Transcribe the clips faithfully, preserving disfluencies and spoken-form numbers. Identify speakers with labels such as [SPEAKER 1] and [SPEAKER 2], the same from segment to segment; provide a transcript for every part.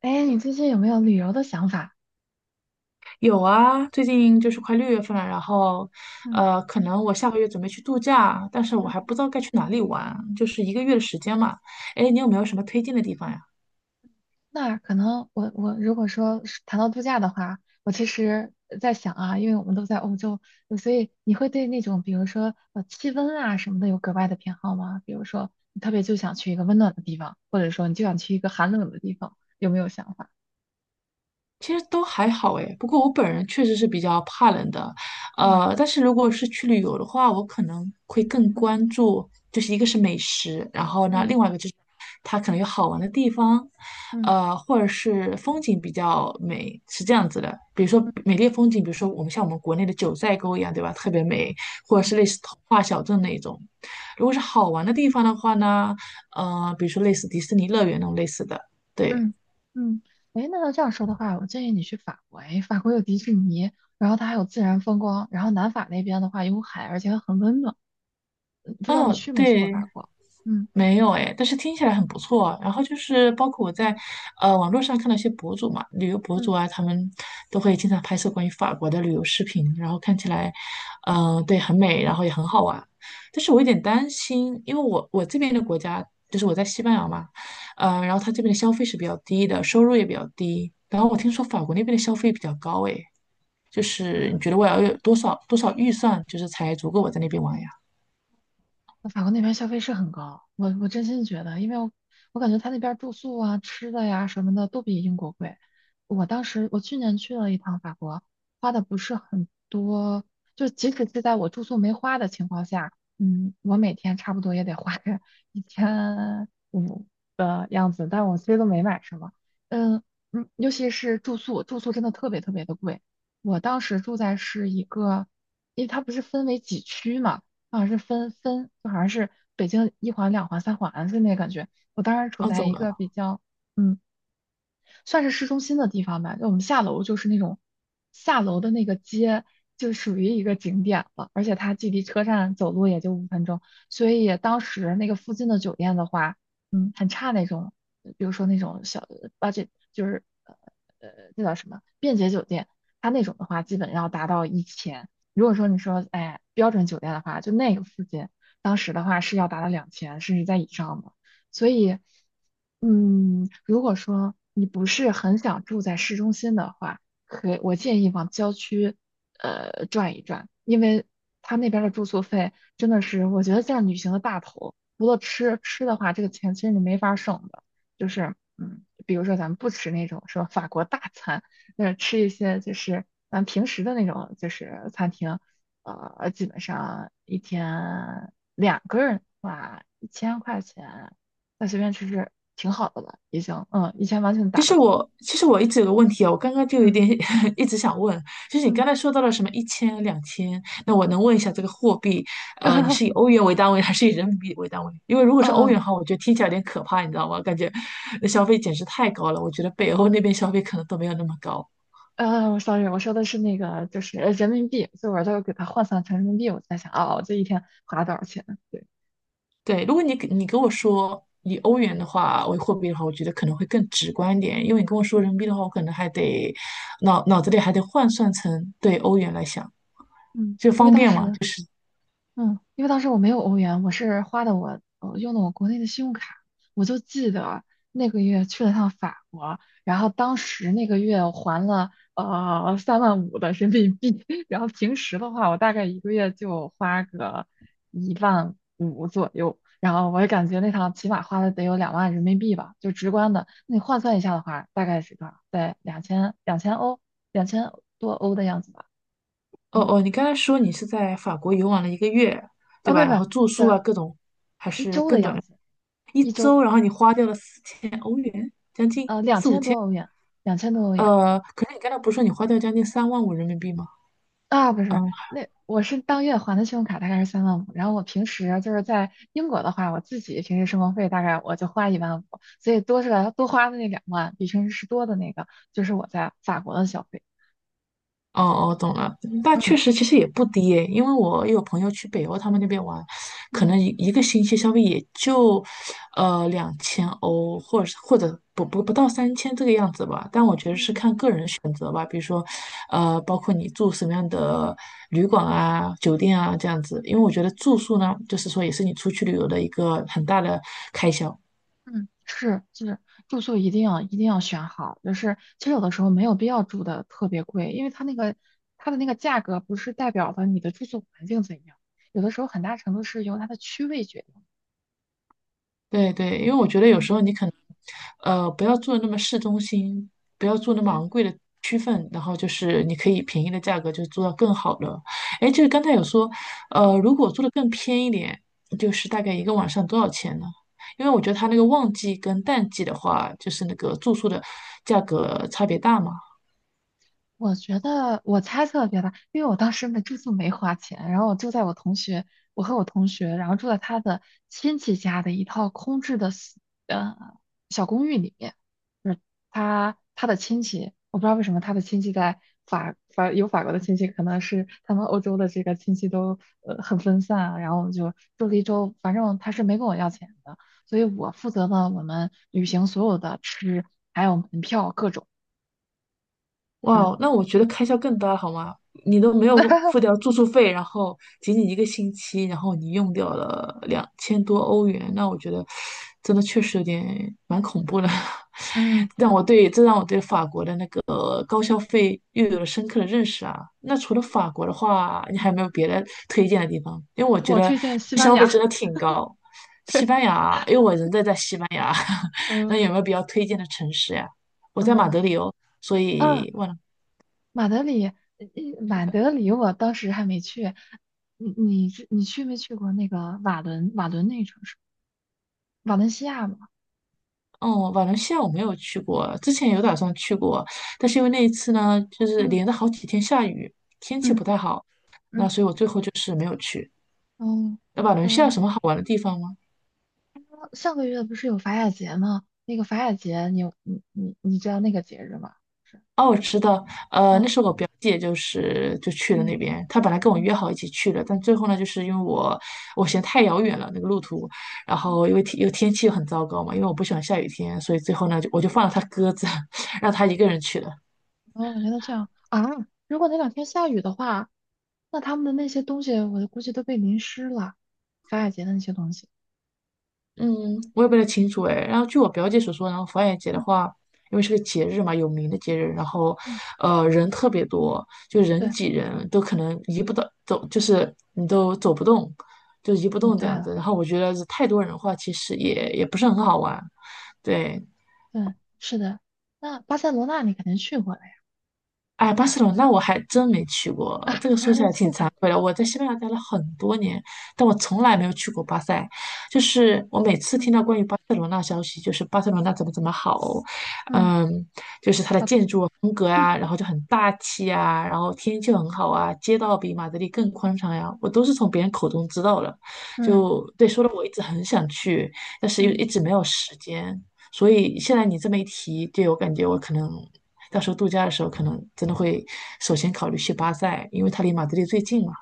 [SPEAKER 1] 哎，你最近有没有旅游的想法？
[SPEAKER 2] 有啊，最近就是快六月份了，然后，
[SPEAKER 1] 嗯
[SPEAKER 2] 呃，可能我下个月准备去度假，但是我还不
[SPEAKER 1] 嗯。
[SPEAKER 2] 知道该去哪里玩，就是一个月的时间嘛。哎，你有没有什么推荐的地方呀？
[SPEAKER 1] 那可能我我如果说是谈到度假的话，我其实在想啊，因为我们都在欧洲，呃所以你会对那种比如说呃气温啊什么的有格外的偏好吗？比如说你特别就想去一个温暖的地方，或者说你就想去一个寒冷的地方，有没有想法？
[SPEAKER 2] 其实都还好诶，不过我本人确实是比较怕冷的，
[SPEAKER 1] 嗯
[SPEAKER 2] 呃，但是如果是去旅游的话，我可能会更
[SPEAKER 1] 嗯
[SPEAKER 2] 关注，就是一个是美食，然后呢，
[SPEAKER 1] 嗯
[SPEAKER 2] 另外一个就是它可能有好玩的地方，
[SPEAKER 1] 嗯
[SPEAKER 2] 呃，或者是风景比较美，是这样子的。比如说
[SPEAKER 1] 嗯
[SPEAKER 2] 美丽的风景，比如说我们像我们国内的九寨沟一样，对吧？特别美，或者
[SPEAKER 1] 嗯。
[SPEAKER 2] 是类似童话小镇那一种。如果是好玩的地方的话呢，呃，比如说类似迪士尼乐园那种类似的，对，
[SPEAKER 1] 嗯嗯，哎，那要这样说的话，我建议你去法国。哎，法国有迪士尼，然后它还有自然风光，然后南法那边的话有海，而且很温暖。嗯，不知道你
[SPEAKER 2] 哦，
[SPEAKER 1] 去没去过
[SPEAKER 2] 对。
[SPEAKER 1] 法国？嗯
[SPEAKER 2] 没有哎，但是听起来很不错啊。然后就是包括我在
[SPEAKER 1] 嗯
[SPEAKER 2] 呃网络上看到一些博主嘛，旅游博主啊，
[SPEAKER 1] 嗯，
[SPEAKER 2] 他们都会经常拍摄关于法国的旅游视频，然后看起来，嗯、对，很美，然后也很好玩。但是我有点担心，因为我我这边的国家就是我在西班牙嘛，嗯、然后他这边的消费是比较低的，收入也比较低。然后我听说法国那边的消费比较高哎，就是你觉得我要有多少多少预算，就是才足够我在那边玩呀？
[SPEAKER 1] 法国那边消费是很高，我我真心觉得，因为我我感觉他那边住宿啊、吃的呀什么的都比英国贵。我当时我去年去了一趟法国，花的不是很多，就即使是在我住宿没花的情况下，嗯，我每天差不多也得花个 一千五的样子，但我其实都没买什么。嗯嗯，尤其是住宿，住宿真的特别特别的贵。我当时住在是一个，因为它不是分为几区嘛。好像是分分，就好像是北京一环、两环、三环，的那感觉。我当时处
[SPEAKER 2] 哦，
[SPEAKER 1] 在
[SPEAKER 2] 怎么
[SPEAKER 1] 一个
[SPEAKER 2] 了？
[SPEAKER 1] 比较嗯算是市中心的地方吧。就我们下楼就是那种下楼的那个街，就属于一个景点了，而且它距离车站走路也就五分钟，所以当时那个附近的酒店的话，嗯，很差那种，比如说那种小 b u d 就是呃呃，那叫什么便捷酒店，它那种的话基本要达到一千。如果说你说哎标准酒店的话，就那个附近，当时的话是要达到两千甚至在以上的，所以。嗯，如果说你不是很想住在市中心的话，可以我建议往郊区，呃，转一转，因为他那边儿的住宿费真的是，我觉得占旅行的大头。除了吃，吃的话，这个钱其实你没法儿省的。就是，嗯，比如说咱们不吃那种什么法国大餐，那吃一些就是咱平时的那种就是餐厅，呃，基本上一天两个人的话，一千块钱。那随便吃吃，挺好的了，已经，嗯，以前完全
[SPEAKER 2] 其
[SPEAKER 1] 打得
[SPEAKER 2] 实
[SPEAKER 1] 住，
[SPEAKER 2] 我其实我一直有个问题啊，我刚刚就有
[SPEAKER 1] 嗯
[SPEAKER 2] 点 一直想问，就是你
[SPEAKER 1] 嗯，
[SPEAKER 2] 刚才说到了什么一千、两千，那我能问一下这个货币，呃，你是以 欧元为单位还是以人民币为单位？因为如果是欧
[SPEAKER 1] 啊！
[SPEAKER 2] 元的话，我觉得听起来有点可怕，你知道吗？感觉那消费简直太高了，我觉得北欧那边消费可能都没有那么高。
[SPEAKER 1] 呃，sorry，我说的是那个就是呃人民币，所以我就给它换算成人民币，我在想，啊，我这一天花了多少钱？对，
[SPEAKER 2] 对，如果你给你跟我说以欧
[SPEAKER 1] 嗯
[SPEAKER 2] 元的话为货币的话，我觉得可能会更直观一点，因为你跟我说
[SPEAKER 1] 嗯
[SPEAKER 2] 人民币的话，我可能还得脑脑子里还得换算成对欧元来想，
[SPEAKER 1] 嗯，
[SPEAKER 2] 就
[SPEAKER 1] 因为
[SPEAKER 2] 方
[SPEAKER 1] 当
[SPEAKER 2] 便嘛。
[SPEAKER 1] 时嗯，因为当时我没有欧元，我是花的我呃用的我国内的信用卡，我就记得那个月去了趟法国，然后当时那个月我还了呃三万五的人民币，然后平时的话我大概一个月就花个一万五左右，然后我也感觉那趟起码花了得有两万人民币吧，就直观的，那你换算一下的话，大概是多少？在两千两千欧两千多欧的样子吧，
[SPEAKER 2] 哦
[SPEAKER 1] 嗯，
[SPEAKER 2] 哦，你刚才说你是在法国游玩了一个月，对
[SPEAKER 1] 哦，
[SPEAKER 2] 吧？
[SPEAKER 1] 不
[SPEAKER 2] 然
[SPEAKER 1] 不，
[SPEAKER 2] 后住宿
[SPEAKER 1] 是
[SPEAKER 2] 啊，各种还
[SPEAKER 1] 一
[SPEAKER 2] 是
[SPEAKER 1] 周的
[SPEAKER 2] 更短
[SPEAKER 1] 样
[SPEAKER 2] 的，
[SPEAKER 1] 子。
[SPEAKER 2] 一
[SPEAKER 1] 一周
[SPEAKER 2] 周，然后你花掉了四千欧元，将近，
[SPEAKER 1] 呃，两千多欧元，两千多欧元
[SPEAKER 2] 呃，可是你刚才不是说你花掉将近三万五人民币吗？
[SPEAKER 1] 啊，不是，
[SPEAKER 2] 嗯。
[SPEAKER 1] 那我是当月还的信用卡大概是三万五，然后我平时就是在英国的话，我自己平时生活费大概我就花一万五，所以多出来多花的那两万，比平时是多的那个，就是我在法国的消费。
[SPEAKER 2] 哦哦，懂了。那确
[SPEAKER 1] 嗯
[SPEAKER 2] 实，其实也不低诶，因为我有朋友去北欧他们那边玩，可
[SPEAKER 1] 嗯
[SPEAKER 2] 能一一个星期消费也就，呃，两千欧，或者是或者不不不到三千这个样子吧。但我觉得是
[SPEAKER 1] 嗯
[SPEAKER 2] 看个人选择吧，比如说，呃，包括你住什么样的旅馆啊、酒店啊这样子。因为我觉得住宿呢，就是说也是你出去旅游的一个很大的开销。
[SPEAKER 1] 嗯，是是，住宿一定要一定要选好，就是其实有的时候没有必要住的特别贵，因为它那个它的那个价格不是代表的你的住宿环境怎样，有的时候很大程度是由它的区位决定。
[SPEAKER 2] 对对，因为我觉得有
[SPEAKER 1] 嗯。
[SPEAKER 2] 时候你可能，呃，不要做得那么市中心，不要做那么
[SPEAKER 1] 对，
[SPEAKER 2] 昂贵的区分，然后就是你可以便宜的价格就做到更好的。哎，就是刚才有说，
[SPEAKER 1] 嗯
[SPEAKER 2] 呃，如果做的更偏一点，就是大概一个晚上多少钱呢？因为我觉得它那个旺季跟淡季的话，就是那个住宿的价格差别大嘛。
[SPEAKER 1] 我觉得我猜测别的，因为我当时没住宿没花钱，然后我住在我同学，我和我同学，然后住在他的亲戚家的一套空置的小呃小公寓里面，就是他他的亲戚，我不知道为什么他的亲戚在法法有法国的亲戚，可能是他们欧洲的这个亲戚都呃很分散啊，然后我们就住了一周，反正他是没跟我要钱的，所以我负责了我们旅行所有的吃，还有门票各种。
[SPEAKER 2] 哇
[SPEAKER 1] 嗯。
[SPEAKER 2] 哦，那我觉得开销更大了好吗？你都没有付 掉住宿费，然后仅仅一个星期，然后你用掉了两千多欧元，那我觉得真的确实有点蛮恐怖的，
[SPEAKER 1] 嗯，
[SPEAKER 2] 让我对这让我对法国的那个高消费又有了深刻的认识啊。那除了法国的话，你还
[SPEAKER 1] 嗯
[SPEAKER 2] 有没有别的推荐的地方？因为我觉
[SPEAKER 1] 我
[SPEAKER 2] 得
[SPEAKER 1] 推荐西班牙。
[SPEAKER 2] 西班牙，因为我人在在西班牙，那
[SPEAKER 1] 嗯
[SPEAKER 2] 有没有比较推荐的城市呀？我在马德
[SPEAKER 1] 嗯，
[SPEAKER 2] 里哦，所
[SPEAKER 1] 啊，
[SPEAKER 2] 以忘了。
[SPEAKER 1] 马德里，呃马德里，我当时还没去。你你是你去没去过那个瓦伦瓦伦那个城市？瓦伦西亚吗？
[SPEAKER 2] 哦，瓦伦西亚我没有去过，之前有打算去过，但是因为那一次呢，就是
[SPEAKER 1] 嗯
[SPEAKER 2] 连着好几天下雨，天气
[SPEAKER 1] 嗯
[SPEAKER 2] 不太好，那
[SPEAKER 1] 嗯
[SPEAKER 2] 所以我最后就是没有去。
[SPEAKER 1] 嗯，
[SPEAKER 2] 那瓦伦西亚有
[SPEAKER 1] 呃，
[SPEAKER 2] 什么好玩的地方吗？
[SPEAKER 1] 上个月不是有法雅节吗？那个法雅节你有你你你知道那个节日吗？是，
[SPEAKER 2] 哦，我知道，呃，那
[SPEAKER 1] 嗯
[SPEAKER 2] 时候我表姐就是就去了
[SPEAKER 1] 嗯
[SPEAKER 2] 那边，她本来跟我
[SPEAKER 1] 嗯
[SPEAKER 2] 约好一起去的，但最后呢，就是因为我我嫌太遥远了那个路途，然
[SPEAKER 1] 嗯。
[SPEAKER 2] 后因为天又天气又很糟糕嘛，因为我不喜欢下雨天，所以最后呢，就我就放了她鸽子，让她一个人去了。
[SPEAKER 1] 哦，原来这样啊！如果那两天下雨的话，那他们的那些东西，我估计都被淋湿了，法雅节的那些东西。
[SPEAKER 2] 嗯，我也不太清楚哎。然后据我表姐所说，然后佛爷节的
[SPEAKER 1] 嗯
[SPEAKER 2] 话，因为是个节日嘛，有名的节日，然后
[SPEAKER 1] 嗯，
[SPEAKER 2] 呃人特别多，就人
[SPEAKER 1] 对，
[SPEAKER 2] 挤人，都可能移不到走，就是你都走不动，就移不
[SPEAKER 1] 哦
[SPEAKER 2] 动这
[SPEAKER 1] 对
[SPEAKER 2] 样
[SPEAKER 1] 了，
[SPEAKER 2] 子。然后我觉得是太多人的话，其实也也不是很好玩。对，
[SPEAKER 1] 对，是的。那巴塞罗那你肯定去过了呀，
[SPEAKER 2] 哎，巴
[SPEAKER 1] 对吧？
[SPEAKER 2] 塞罗那我还真没去过，
[SPEAKER 1] 啊，
[SPEAKER 2] 这个
[SPEAKER 1] 你
[SPEAKER 2] 说
[SPEAKER 1] 还
[SPEAKER 2] 起
[SPEAKER 1] 没
[SPEAKER 2] 来挺
[SPEAKER 1] 去过。
[SPEAKER 2] 惭愧的。我在西班牙待了很多年，但我从来没有去过巴塞。就是我每次听
[SPEAKER 1] 嗯
[SPEAKER 2] 到关于巴塞罗那消息，就是巴塞罗那怎么怎么好，
[SPEAKER 1] 嗯，
[SPEAKER 2] 嗯，就是它的
[SPEAKER 1] 小
[SPEAKER 2] 建
[SPEAKER 1] 童，
[SPEAKER 2] 筑风格 啊，
[SPEAKER 1] 嗯
[SPEAKER 2] 然后就很大气啊，然后天气很好啊，街道比马德里更宽敞呀，我都是从别人口中知道的。
[SPEAKER 1] 嗯。
[SPEAKER 2] 就对，说的我一直很想去，但是又
[SPEAKER 1] 嗯，
[SPEAKER 2] 一直没有时间。所以现在你这么一提，对我感觉我可能到时候度假的时候，可能真的会首先考虑去巴塞，因为它离马德里最近嘛。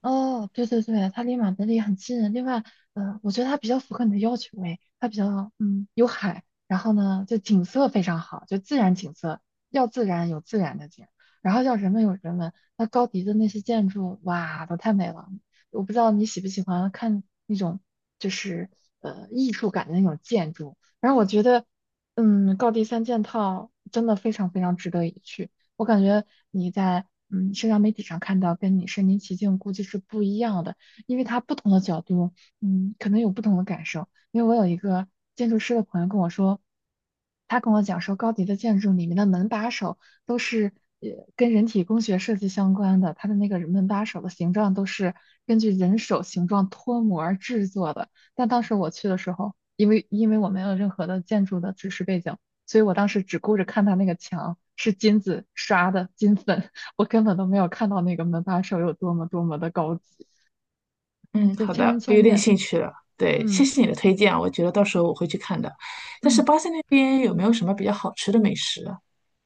[SPEAKER 1] 哦，对对对，它离马德里很近。另外，嗯，我觉得它比较符合你的要求诶，它比较嗯有海，然后呢就景色非常好，就自然景色，要自然有自然的景，然后要人文有人文。那高迪的那些建筑，哇，都太美了。我不知道你喜不喜欢看那种就是呃艺术感的那种建筑。然后我觉得，嗯，高迪三件套真的非常非常值得一去。我感觉你在嗯社交媒体上看到跟你身临其境估计是不一样的，因为它不同的角度，嗯，可能有不同的感受。因为我有一个建筑师的朋友跟我说，他跟我讲说，高迪的建筑里面的门把手都是呃跟人体工学设计相关的，它的那个门把手的形状都是根据人手形状脱模儿制作的。但当时我去的时候，因为因为我没有任何的建筑的知识背景。所以我当时只顾着看他那个墙是金子刷的金粉，我根本都没有看到那个门把手有多么多么的高级，
[SPEAKER 2] 嗯，
[SPEAKER 1] 就
[SPEAKER 2] 好
[SPEAKER 1] 千人
[SPEAKER 2] 的，我
[SPEAKER 1] 千
[SPEAKER 2] 有点
[SPEAKER 1] 面。
[SPEAKER 2] 兴趣了。对，谢
[SPEAKER 1] 嗯
[SPEAKER 2] 谢你的推荐啊，我觉得到时候我会去看的。但是
[SPEAKER 1] 嗯，
[SPEAKER 2] 巴塞那边有没有什么比较好吃的美食啊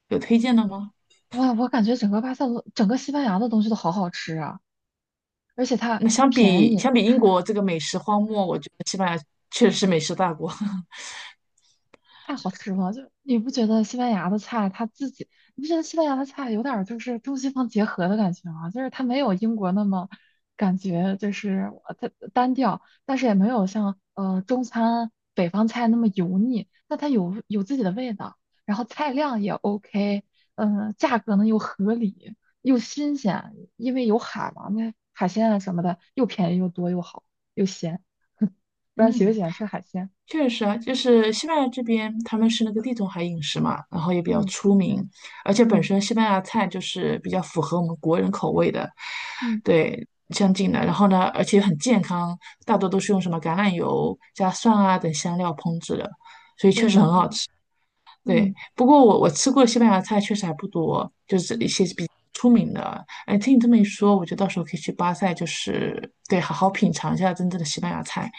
[SPEAKER 2] 有推荐的吗？
[SPEAKER 1] 哇，我感觉整个巴塞罗，整个西班牙的东西都好好吃啊，而且它
[SPEAKER 2] 那相
[SPEAKER 1] 便
[SPEAKER 2] 比
[SPEAKER 1] 宜，
[SPEAKER 2] 相比英国这个美食荒漠，我觉得西班牙确实是美食大国。
[SPEAKER 1] 太好吃了，就你不觉得西班牙的菜它自己，你不觉得西班牙的菜有点儿就是中西方结合的感觉吗？就是它没有英国那么感觉就是呃它单调，但是也没有像呃中餐北方菜那么油腻，但它有有自己的味道，然后菜量也 OK，嗯、价格呢又合理又新鲜，因为有海嘛，那海鲜啊什么的又便宜又多又好又鲜，不然喜不
[SPEAKER 2] 嗯。
[SPEAKER 1] 喜欢吃海鲜？
[SPEAKER 2] 确实啊，就是西班牙这边，他们是那个地中海饮食嘛，然后也比较
[SPEAKER 1] 嗯
[SPEAKER 2] 出名，而且本
[SPEAKER 1] 嗯
[SPEAKER 2] 身西班牙菜就是比较符合我们国人口味的，
[SPEAKER 1] 嗯，
[SPEAKER 2] 对，相近的。然后呢，而且很健康，大多都是用什么橄榄油加蒜啊等香料烹制的。
[SPEAKER 1] 对的对的。嗯
[SPEAKER 2] 对，
[SPEAKER 1] 嗯
[SPEAKER 2] 不过我我吃过的西班牙菜确实还不多，就是
[SPEAKER 1] 嗯，
[SPEAKER 2] 出名的。哎，听你这么一说，我觉得到时候可以去巴塞，就是对，好好品尝一下真正的西班牙菜。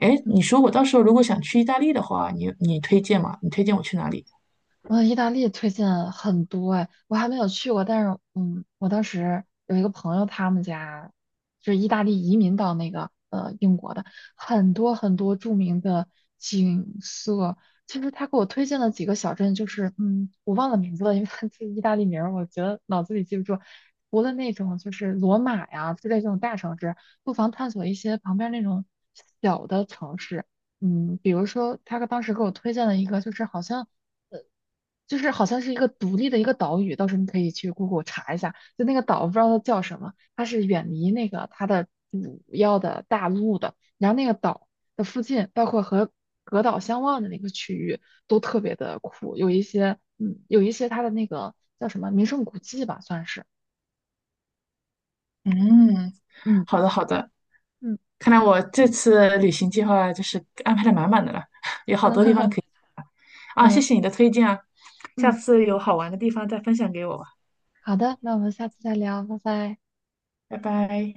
[SPEAKER 2] 哎，你说我到时候如果想去意大利的话，你你推荐吗？你推荐我去哪里？
[SPEAKER 1] 我意大利推荐很多哎，我还没有去过，但是嗯，我当时有一个朋友，他们家就是意大利移民到那个呃英国的，很多很多著名的景色。其实他给我推荐了几个小镇，就是嗯，我忘了名字了，因为他这意大利名儿，我觉得脑子里记不住。除了那种就是罗马呀之类这种大城市，不妨探索一些旁边那种小的城市。嗯，比如说他当时给我推荐了一个，就是好像。就是好像是一个独立的一个岛屿，到时候你可以去 Google 查一下，就那个岛不知道它叫什么，它是远离那个它的主要的大陆的，然后那个岛的附近，包括和隔岛相望的那个区域都特别的酷，有一些嗯，有一些它的那个叫什么名胜古迹吧，算是，
[SPEAKER 2] 嗯，
[SPEAKER 1] 嗯
[SPEAKER 2] 好的好的，
[SPEAKER 1] 嗯
[SPEAKER 2] 看来我这次旅行计划就是安排的满满的了，有好多地方
[SPEAKER 1] 嗯
[SPEAKER 2] 可以 啊，谢
[SPEAKER 1] 嗯
[SPEAKER 2] 谢你的推荐啊，下
[SPEAKER 1] 嗯，
[SPEAKER 2] 次有
[SPEAKER 1] 不客
[SPEAKER 2] 好玩的
[SPEAKER 1] 气，
[SPEAKER 2] 地方再分享给我吧，
[SPEAKER 1] 好的，那我们下次再聊，拜拜。
[SPEAKER 2] 拜拜。